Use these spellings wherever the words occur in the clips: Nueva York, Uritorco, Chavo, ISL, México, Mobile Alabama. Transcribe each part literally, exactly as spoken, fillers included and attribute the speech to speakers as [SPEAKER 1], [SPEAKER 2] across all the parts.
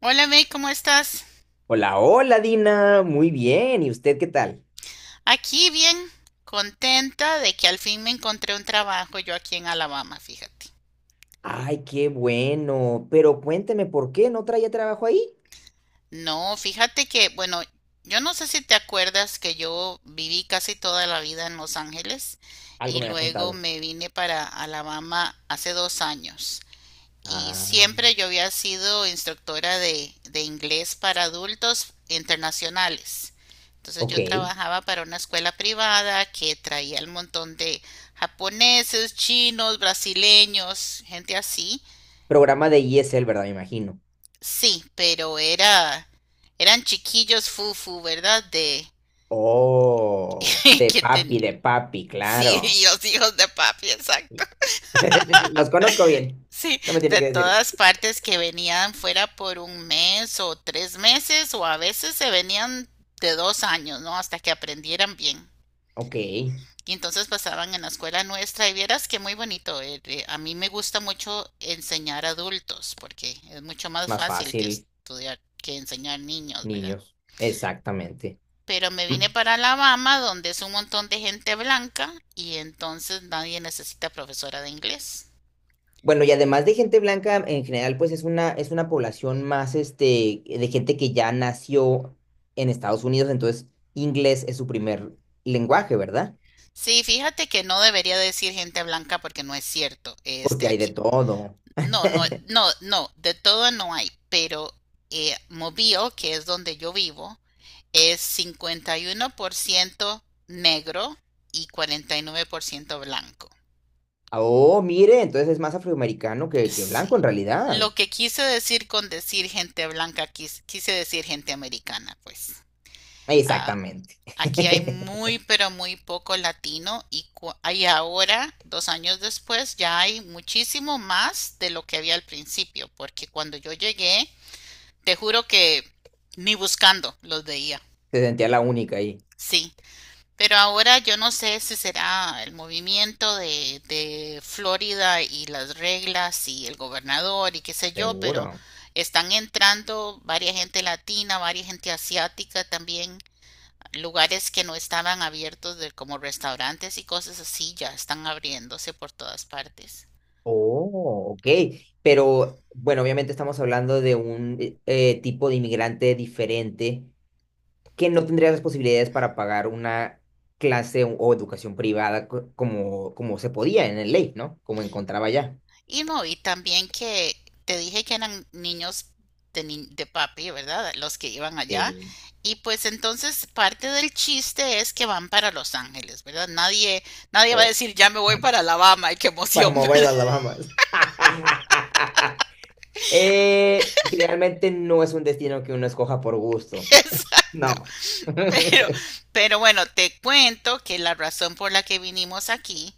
[SPEAKER 1] Hola May, ¿cómo estás?
[SPEAKER 2] Hola, hola Dina, muy bien. ¿Y usted qué tal?
[SPEAKER 1] Aquí bien, contenta de que al fin me encontré un trabajo yo aquí en Alabama, fíjate.
[SPEAKER 2] Ay, qué bueno. Pero cuénteme, ¿por qué no traía trabajo ahí?
[SPEAKER 1] No, fíjate que, bueno, yo no sé si te acuerdas que yo viví casi toda la vida en Los Ángeles
[SPEAKER 2] Algo
[SPEAKER 1] y
[SPEAKER 2] me había
[SPEAKER 1] luego
[SPEAKER 2] contado.
[SPEAKER 1] me vine para Alabama hace dos años. Y
[SPEAKER 2] Ah,
[SPEAKER 1] siempre yo había sido instructora de, de inglés para adultos internacionales. Entonces yo
[SPEAKER 2] ok.
[SPEAKER 1] trabajaba para una escuela privada que traía el montón de japoneses, chinos, brasileños, gente así.
[SPEAKER 2] Programa de I S L, ¿verdad? Me imagino.
[SPEAKER 1] Sí, pero era, eran chiquillos fufu, ¿verdad? De
[SPEAKER 2] Oh, de
[SPEAKER 1] que ten-
[SPEAKER 2] papi, de papi, claro.
[SPEAKER 1] sí, los hijos de papi, exacto.
[SPEAKER 2] Los conozco bien.
[SPEAKER 1] Sí,
[SPEAKER 2] No me tiene
[SPEAKER 1] de
[SPEAKER 2] que decir.
[SPEAKER 1] todas partes que venían fuera por un mes o tres meses o a veces se venían de dos años, ¿no? Hasta que aprendieran bien.
[SPEAKER 2] Ok,
[SPEAKER 1] Y entonces pasaban en la escuela nuestra y vieras que muy bonito. eh, eh, A mí me gusta mucho enseñar adultos porque es mucho más
[SPEAKER 2] más
[SPEAKER 1] fácil que
[SPEAKER 2] fácil,
[SPEAKER 1] estudiar, que enseñar niños, ¿verdad?
[SPEAKER 2] niños. Exactamente.
[SPEAKER 1] Pero me
[SPEAKER 2] Mm.
[SPEAKER 1] vine para Alabama donde es un montón de gente blanca y entonces nadie necesita profesora de inglés.
[SPEAKER 2] Bueno, y además de gente blanca, en general, pues es una, es una población más, este, de gente que ya nació en Estados Unidos, entonces inglés es su primer lenguaje, ¿verdad?
[SPEAKER 1] Sí, fíjate que no debería decir gente blanca porque no es cierto,
[SPEAKER 2] Porque
[SPEAKER 1] este
[SPEAKER 2] hay de
[SPEAKER 1] aquí.
[SPEAKER 2] todo.
[SPEAKER 1] No, no, no, no, de todo no hay, pero eh, Mobile, que es donde yo vivo, es cincuenta y uno por ciento negro y cuarenta y nueve por ciento blanco.
[SPEAKER 2] Ah, oh, mire, entonces es más afroamericano que, que blanco
[SPEAKER 1] Sí.
[SPEAKER 2] en realidad.
[SPEAKER 1] Lo que quise decir con decir gente blanca, quis- quise, decir gente americana, pues. Ah,
[SPEAKER 2] Exactamente.
[SPEAKER 1] aquí hay muy, pero muy poco latino y, cu- hay ahora, dos años después, ya hay muchísimo más de lo que había al principio, porque cuando yo llegué, te juro que ni buscando los veía,
[SPEAKER 2] Se sentía la única ahí.
[SPEAKER 1] sí. Pero ahora yo no sé si será el movimiento de, de Florida y las reglas y el gobernador y qué sé yo, pero
[SPEAKER 2] Seguro.
[SPEAKER 1] están entrando varias gente latina, varias gente asiática también. Lugares que no estaban abiertos de como restaurantes y cosas así ya están abriéndose por todas partes.
[SPEAKER 2] Oh, ok. Pero, bueno, obviamente estamos hablando de un eh, eh, tipo de inmigrante diferente que no tendrías las posibilidades para pagar una clase o, o educación privada co- como, como se podía en el ley, ¿no? Como encontraba ya.
[SPEAKER 1] Y no, y también que te dije que eran niños de, ni- de papi, ¿verdad? Los que iban allá.
[SPEAKER 2] Sí.
[SPEAKER 1] Y pues entonces parte del chiste es que van para Los Ángeles, ¿verdad? Nadie, nadie
[SPEAKER 2] O
[SPEAKER 1] va a decir, ya me voy para Alabama y qué
[SPEAKER 2] para
[SPEAKER 1] emoción.
[SPEAKER 2] Mobile Alabama. Eh, generalmente no es un destino que uno escoja por gusto. No.
[SPEAKER 1] Pero, pero bueno, te cuento que la razón por la que vinimos aquí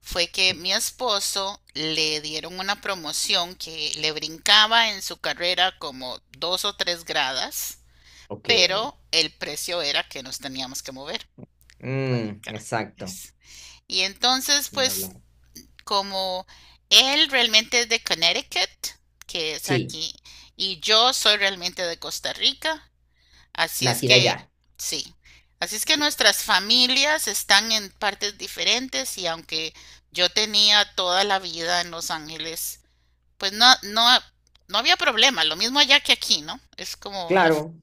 [SPEAKER 1] fue que mi esposo le dieron una promoción que le brincaba en su carrera como dos o tres gradas,
[SPEAKER 2] Ok.
[SPEAKER 1] pero el precio era que nos teníamos que mover
[SPEAKER 2] Mm,
[SPEAKER 1] acá.
[SPEAKER 2] exacto.
[SPEAKER 1] Es- Y entonces,
[SPEAKER 2] Ni
[SPEAKER 1] pues,
[SPEAKER 2] hablar.
[SPEAKER 1] como él realmente es de Connecticut, que es
[SPEAKER 2] Sí,
[SPEAKER 1] aquí, y yo soy realmente de Costa Rica. Así es
[SPEAKER 2] nacida
[SPEAKER 1] que,
[SPEAKER 2] allá.
[SPEAKER 1] sí. Así es que
[SPEAKER 2] Ok.
[SPEAKER 1] nuestras familias están en partes diferentes y aunque yo tenía toda la vida en Los Ángeles, pues no, no, no había problema. Lo mismo allá que aquí, ¿no? Es como la,
[SPEAKER 2] Claro,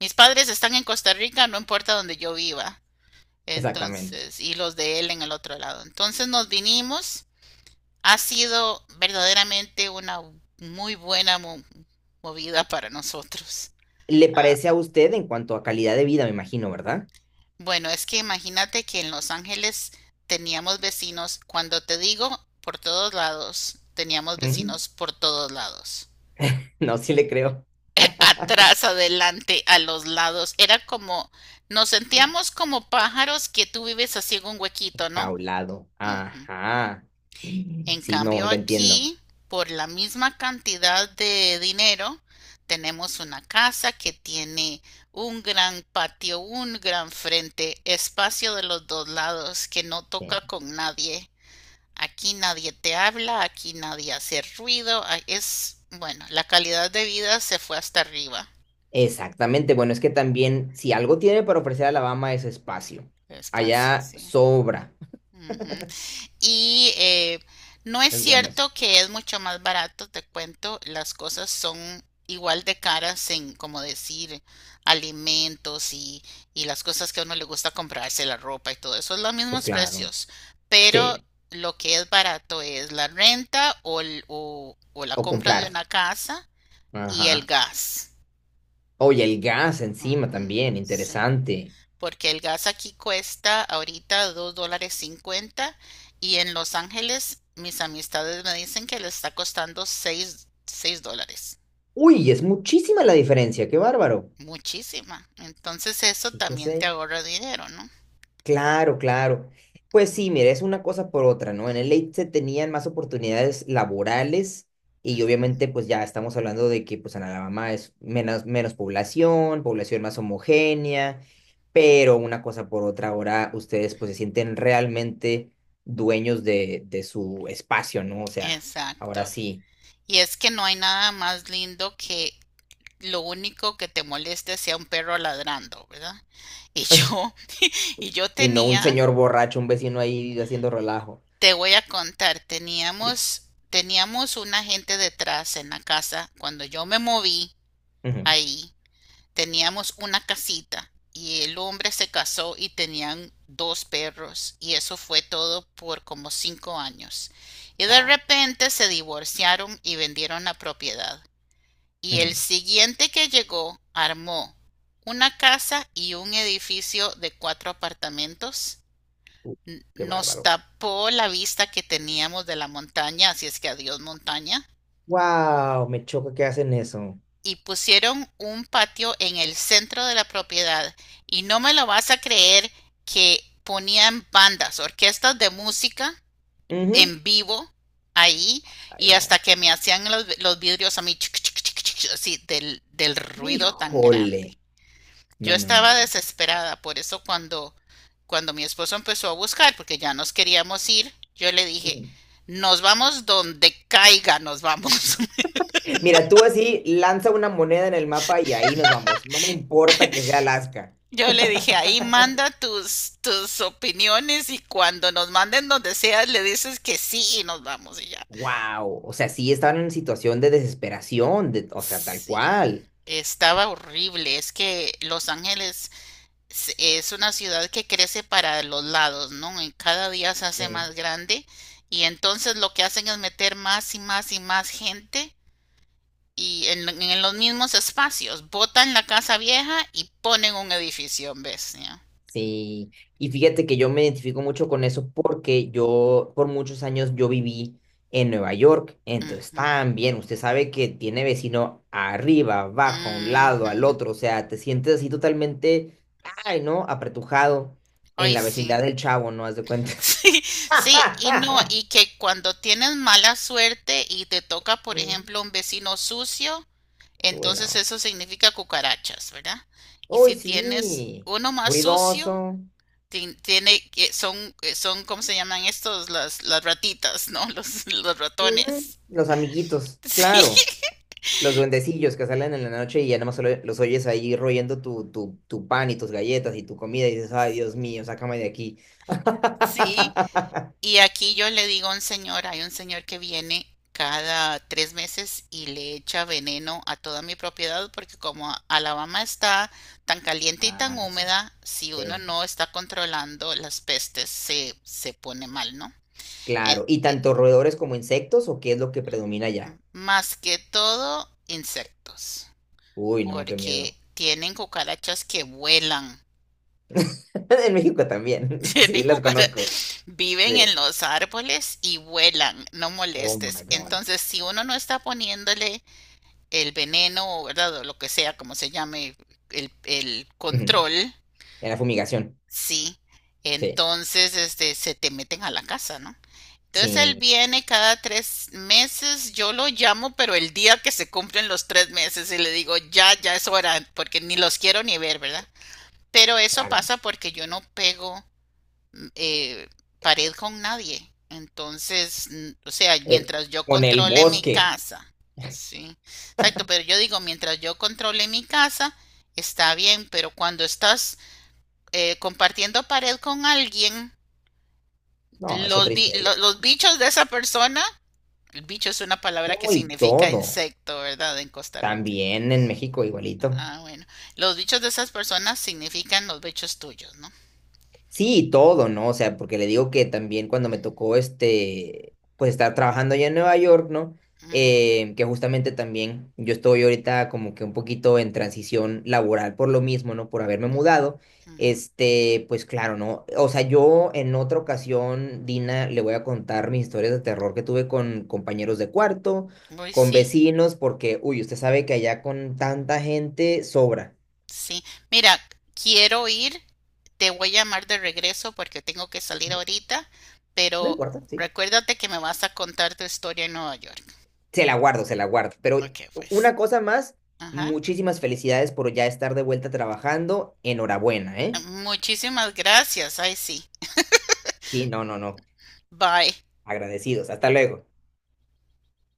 [SPEAKER 1] mis padres están en Costa Rica, no importa donde yo viva.
[SPEAKER 2] exactamente.
[SPEAKER 1] Entonces, y los de él en el otro lado. Entonces nos vinimos. Ha sido verdaderamente una muy buena mo- movida para nosotros.
[SPEAKER 2] ¿Le
[SPEAKER 1] Ah,
[SPEAKER 2] parece a usted en cuanto a calidad de vida, me imagino, ¿verdad?
[SPEAKER 1] bueno, es que imagínate que en Los Ángeles teníamos vecinos, cuando te digo por todos lados, teníamos
[SPEAKER 2] Ujú.
[SPEAKER 1] vecinos por todos lados.
[SPEAKER 2] No, sí le creo.
[SPEAKER 1] Atrás, adelante, a los lados. Era como, nos
[SPEAKER 2] Sí,
[SPEAKER 1] sentíamos como pájaros que tú vives así en un huequito, ¿no?
[SPEAKER 2] jaulado.
[SPEAKER 1] Ujú.
[SPEAKER 2] Ajá.
[SPEAKER 1] En
[SPEAKER 2] Sí, no,
[SPEAKER 1] cambio
[SPEAKER 2] lo entiendo.
[SPEAKER 1] aquí, por la misma cantidad de dinero, tenemos una casa que tiene un gran patio, un gran frente, espacio de los dos lados que no toca
[SPEAKER 2] Sí.
[SPEAKER 1] con nadie. Aquí nadie te habla, aquí nadie hace ruido. Es, bueno, la calidad de vida se fue hasta arriba.
[SPEAKER 2] Exactamente. Bueno, es que también, si algo tiene para ofrecer Alabama es espacio.
[SPEAKER 1] Espacio,
[SPEAKER 2] Allá
[SPEAKER 1] sí.
[SPEAKER 2] sobra.
[SPEAKER 1] Ujú. Y eh, no es
[SPEAKER 2] Es bueno eso.
[SPEAKER 1] cierto que es mucho más barato, te cuento, las cosas son igual de caras en, como decir, alimentos y, y las cosas que a uno le gusta comprarse, la ropa y todo eso, es los
[SPEAKER 2] Pues
[SPEAKER 1] mismos
[SPEAKER 2] claro.
[SPEAKER 1] precios, pero
[SPEAKER 2] Sí.
[SPEAKER 1] lo que es barato es la renta o, el- o- o la
[SPEAKER 2] O
[SPEAKER 1] compra
[SPEAKER 2] comprar.
[SPEAKER 1] de una casa y el
[SPEAKER 2] Ajá.
[SPEAKER 1] gas.
[SPEAKER 2] Oye, el gas
[SPEAKER 1] Ujú,
[SPEAKER 2] encima también,
[SPEAKER 1] sí
[SPEAKER 2] interesante.
[SPEAKER 1] porque el gas aquí cuesta ahorita dos dólares cincuenta y en Los Ángeles mis amistades me dicen que le está costando seis, seis dólares.
[SPEAKER 2] Uy, es muchísima la diferencia, qué bárbaro.
[SPEAKER 1] Muchísima. Entonces eso también te
[SPEAKER 2] Fíjese.
[SPEAKER 1] ahorra dinero, ¿no?
[SPEAKER 2] Claro, claro. Pues sí, mira, es una cosa por otra, ¿no? En el late se tenían más oportunidades laborales y
[SPEAKER 1] Ujú.
[SPEAKER 2] obviamente pues ya estamos hablando de que pues en Alabama es menos, menos población, población más homogénea, pero una cosa por otra, ahora ustedes pues se sienten realmente dueños de, de su espacio, ¿no? O sea, ahora
[SPEAKER 1] Exacto.
[SPEAKER 2] sí.
[SPEAKER 1] Y es que no hay nada más lindo que lo único que te moleste sea un perro ladrando, ¿verdad? Y yo, y yo
[SPEAKER 2] Y no un
[SPEAKER 1] tenía
[SPEAKER 2] señor borracho, un vecino ahí haciendo relajo.
[SPEAKER 1] Te voy a contar, teníamos, teníamos un agente detrás en la casa. Cuando yo me moví
[SPEAKER 2] Ujú.
[SPEAKER 1] ahí, teníamos una casita y el hombre se casó y tenían dos perros y eso fue todo por como cinco años. Y de
[SPEAKER 2] Ah,
[SPEAKER 1] repente se divorciaron y vendieron la propiedad. Y el
[SPEAKER 2] ujú.
[SPEAKER 1] siguiente que llegó armó una casa y un edificio de cuatro apartamentos.
[SPEAKER 2] Uh,
[SPEAKER 1] n-
[SPEAKER 2] qué
[SPEAKER 1] nos
[SPEAKER 2] bárbaro.
[SPEAKER 1] tapó la vista que teníamos de la montaña, así es que adiós montaña,
[SPEAKER 2] Wow, me choca que hacen eso.
[SPEAKER 1] y pusieron un patio en el centro de la propiedad. Y no me lo vas a creer que ponían bandas, orquestas de música
[SPEAKER 2] Ujú.
[SPEAKER 1] en vivo ahí,
[SPEAKER 2] Ay,
[SPEAKER 1] y hasta
[SPEAKER 2] no.
[SPEAKER 1] que me hacían los, los vidrios a mí, chic, chic, chic, chic, así del, del ruido tan grande.
[SPEAKER 2] Híjole.
[SPEAKER 1] Yo
[SPEAKER 2] No, no, no,
[SPEAKER 1] estaba
[SPEAKER 2] no, no,
[SPEAKER 1] desesperada, por eso cuando, cuando mi esposo empezó a buscar, porque ya nos queríamos ir, yo le
[SPEAKER 2] no,
[SPEAKER 1] dije,
[SPEAKER 2] no.
[SPEAKER 1] nos vamos donde caiga, nos vamos.
[SPEAKER 2] Mira, tú así lanza una moneda en el mapa y ahí nos vamos. No me importa que sea Alaska.
[SPEAKER 1] Yo le dije, ahí manda tus, tus opiniones y cuando nos manden donde sea, le dices que sí y nos vamos y ya.
[SPEAKER 2] Wow. O sea, sí estaban en situación de desesperación, de, o sea, tal
[SPEAKER 1] Sí,
[SPEAKER 2] cual.
[SPEAKER 1] estaba horrible. Es que Los Ángeles s- es una ciudad que crece para los lados, ¿no? Y cada día se hace más grande y entonces lo que hacen es meter más y más y más gente y en, en los mismos espacios. Botan la casa vieja y ponen un edificio, ¿ves? Ya.
[SPEAKER 2] Sí, y fíjate que yo me identifico mucho con eso porque yo por muchos años yo viví en Nueva York, entonces
[SPEAKER 1] Ujú.
[SPEAKER 2] también usted sabe que tiene vecino arriba, abajo, a un lado, al
[SPEAKER 1] Ujú.
[SPEAKER 2] otro, o sea, te sientes así totalmente, ay, ¿no? Apretujado en
[SPEAKER 1] Ay,
[SPEAKER 2] la
[SPEAKER 1] sí.
[SPEAKER 2] vecindad del Chavo, ¿no? Haz de cuenta.
[SPEAKER 1] Sí, sí, y no, y que cuando tienes mala suerte y te toca, por
[SPEAKER 2] Mm.
[SPEAKER 1] ejemplo, un vecino sucio, entonces
[SPEAKER 2] Bueno,
[SPEAKER 1] eso significa cucarachas, ¿verdad? Y
[SPEAKER 2] uy,
[SPEAKER 1] si tienes
[SPEAKER 2] sí,
[SPEAKER 1] uno más sucio,
[SPEAKER 2] ruidoso,
[SPEAKER 1] ti- tiene, que- son, eh, son, ¿cómo se llaman estos? Las, las ratitas, ¿no? Los, los
[SPEAKER 2] ujú,
[SPEAKER 1] ratones.
[SPEAKER 2] los amiguitos,
[SPEAKER 1] Sí.
[SPEAKER 2] claro. Los duendecillos que salen en la noche y ya nomás solo los oyes ahí royendo tu, tu, tu pan y tus galletas y tu comida y dices, ay, Dios mío, sácame de aquí.
[SPEAKER 1] Sí, y aquí yo le digo a un señor, hay un señor que viene cada tres meses y le echa veneno a toda mi propiedad porque como a- Alabama está tan caliente y tan
[SPEAKER 2] Ah, sí,
[SPEAKER 1] húmeda, si uno
[SPEAKER 2] sí,
[SPEAKER 1] no está controlando las pestes se, se pone mal, ¿no? en-
[SPEAKER 2] claro. ¿Y tanto roedores como insectos o qué es lo que predomina allá?
[SPEAKER 1] en- más que todo insectos,
[SPEAKER 2] Uy, no, qué
[SPEAKER 1] porque
[SPEAKER 2] miedo.
[SPEAKER 1] tienen cucarachas que vuelan.
[SPEAKER 2] En México también. Sí,
[SPEAKER 1] Tienen
[SPEAKER 2] las
[SPEAKER 1] cucara-
[SPEAKER 2] conozco.
[SPEAKER 1] viven en
[SPEAKER 2] Sí.
[SPEAKER 1] los árboles y vuelan, no
[SPEAKER 2] Oh my
[SPEAKER 1] molestes.
[SPEAKER 2] God.
[SPEAKER 1] Entonces, si uno no está poniéndole el veneno, ¿verdad? O lo que sea, como se llame, el, el
[SPEAKER 2] Ujú.
[SPEAKER 1] control,
[SPEAKER 2] En la fumigación.
[SPEAKER 1] sí.
[SPEAKER 2] Sí,
[SPEAKER 1] Entonces, este, se te meten a la casa, ¿no? Entonces él
[SPEAKER 2] sí,
[SPEAKER 1] viene cada tres meses, yo lo llamo, pero el día que se cumplen los tres meses y le digo, ya, ya es hora, porque ni los quiero ni ver, ¿verdad? Pero eso
[SPEAKER 2] claro.
[SPEAKER 1] pasa porque yo no pego eh, pared con nadie. Entonces, o sea,
[SPEAKER 2] Eh,
[SPEAKER 1] mientras yo
[SPEAKER 2] con el
[SPEAKER 1] controle mi
[SPEAKER 2] bosque.
[SPEAKER 1] casa, sí, exacto, pero yo digo, mientras yo controle mi casa, está bien, pero cuando estás eh, compartiendo pared con alguien,
[SPEAKER 2] No, es
[SPEAKER 1] los,
[SPEAKER 2] otra
[SPEAKER 1] bi-
[SPEAKER 2] historia.
[SPEAKER 1] lo- los bichos de esa persona. El bicho es una palabra que
[SPEAKER 2] No, y
[SPEAKER 1] significa
[SPEAKER 2] todo.
[SPEAKER 1] insecto, ¿verdad? En Costa Rica.
[SPEAKER 2] También en México igualito.
[SPEAKER 1] Ah, bueno. Los bichos de esas personas significan los bichos tuyos, ¿no?
[SPEAKER 2] Sí, y todo, ¿no? O sea, porque le digo que también cuando me tocó este, pues estar trabajando allá en Nueva York, ¿no?
[SPEAKER 1] Ujú,
[SPEAKER 2] Eh, que justamente también yo estoy ahorita como que un poquito en transición laboral por lo mismo, ¿no? Por haberme mudado.
[SPEAKER 1] ujú.
[SPEAKER 2] Este, pues claro, ¿no? O sea, yo en otra ocasión, Dina, le voy a contar mis historias de terror que tuve con compañeros de cuarto,
[SPEAKER 1] Uy,
[SPEAKER 2] con
[SPEAKER 1] sí,
[SPEAKER 2] vecinos, porque, uy, usted sabe que allá con tanta gente sobra.
[SPEAKER 1] sí. Mira, quiero ir, te voy a llamar de regreso porque tengo que salir ahorita,
[SPEAKER 2] No
[SPEAKER 1] pero
[SPEAKER 2] importa, sí.
[SPEAKER 1] recuérdate que me vas a contar tu historia en Nueva York.
[SPEAKER 2] Se la guardo, se la guardo. Pero
[SPEAKER 1] Ok, pues.
[SPEAKER 2] una cosa más,
[SPEAKER 1] Ajá.
[SPEAKER 2] muchísimas felicidades por ya estar de vuelta trabajando. Enhorabuena, ¿eh?
[SPEAKER 1] Muchísimas gracias. Ay, sí.
[SPEAKER 2] Sí, no, no, no.
[SPEAKER 1] Bye.
[SPEAKER 2] Agradecidos. Hasta luego.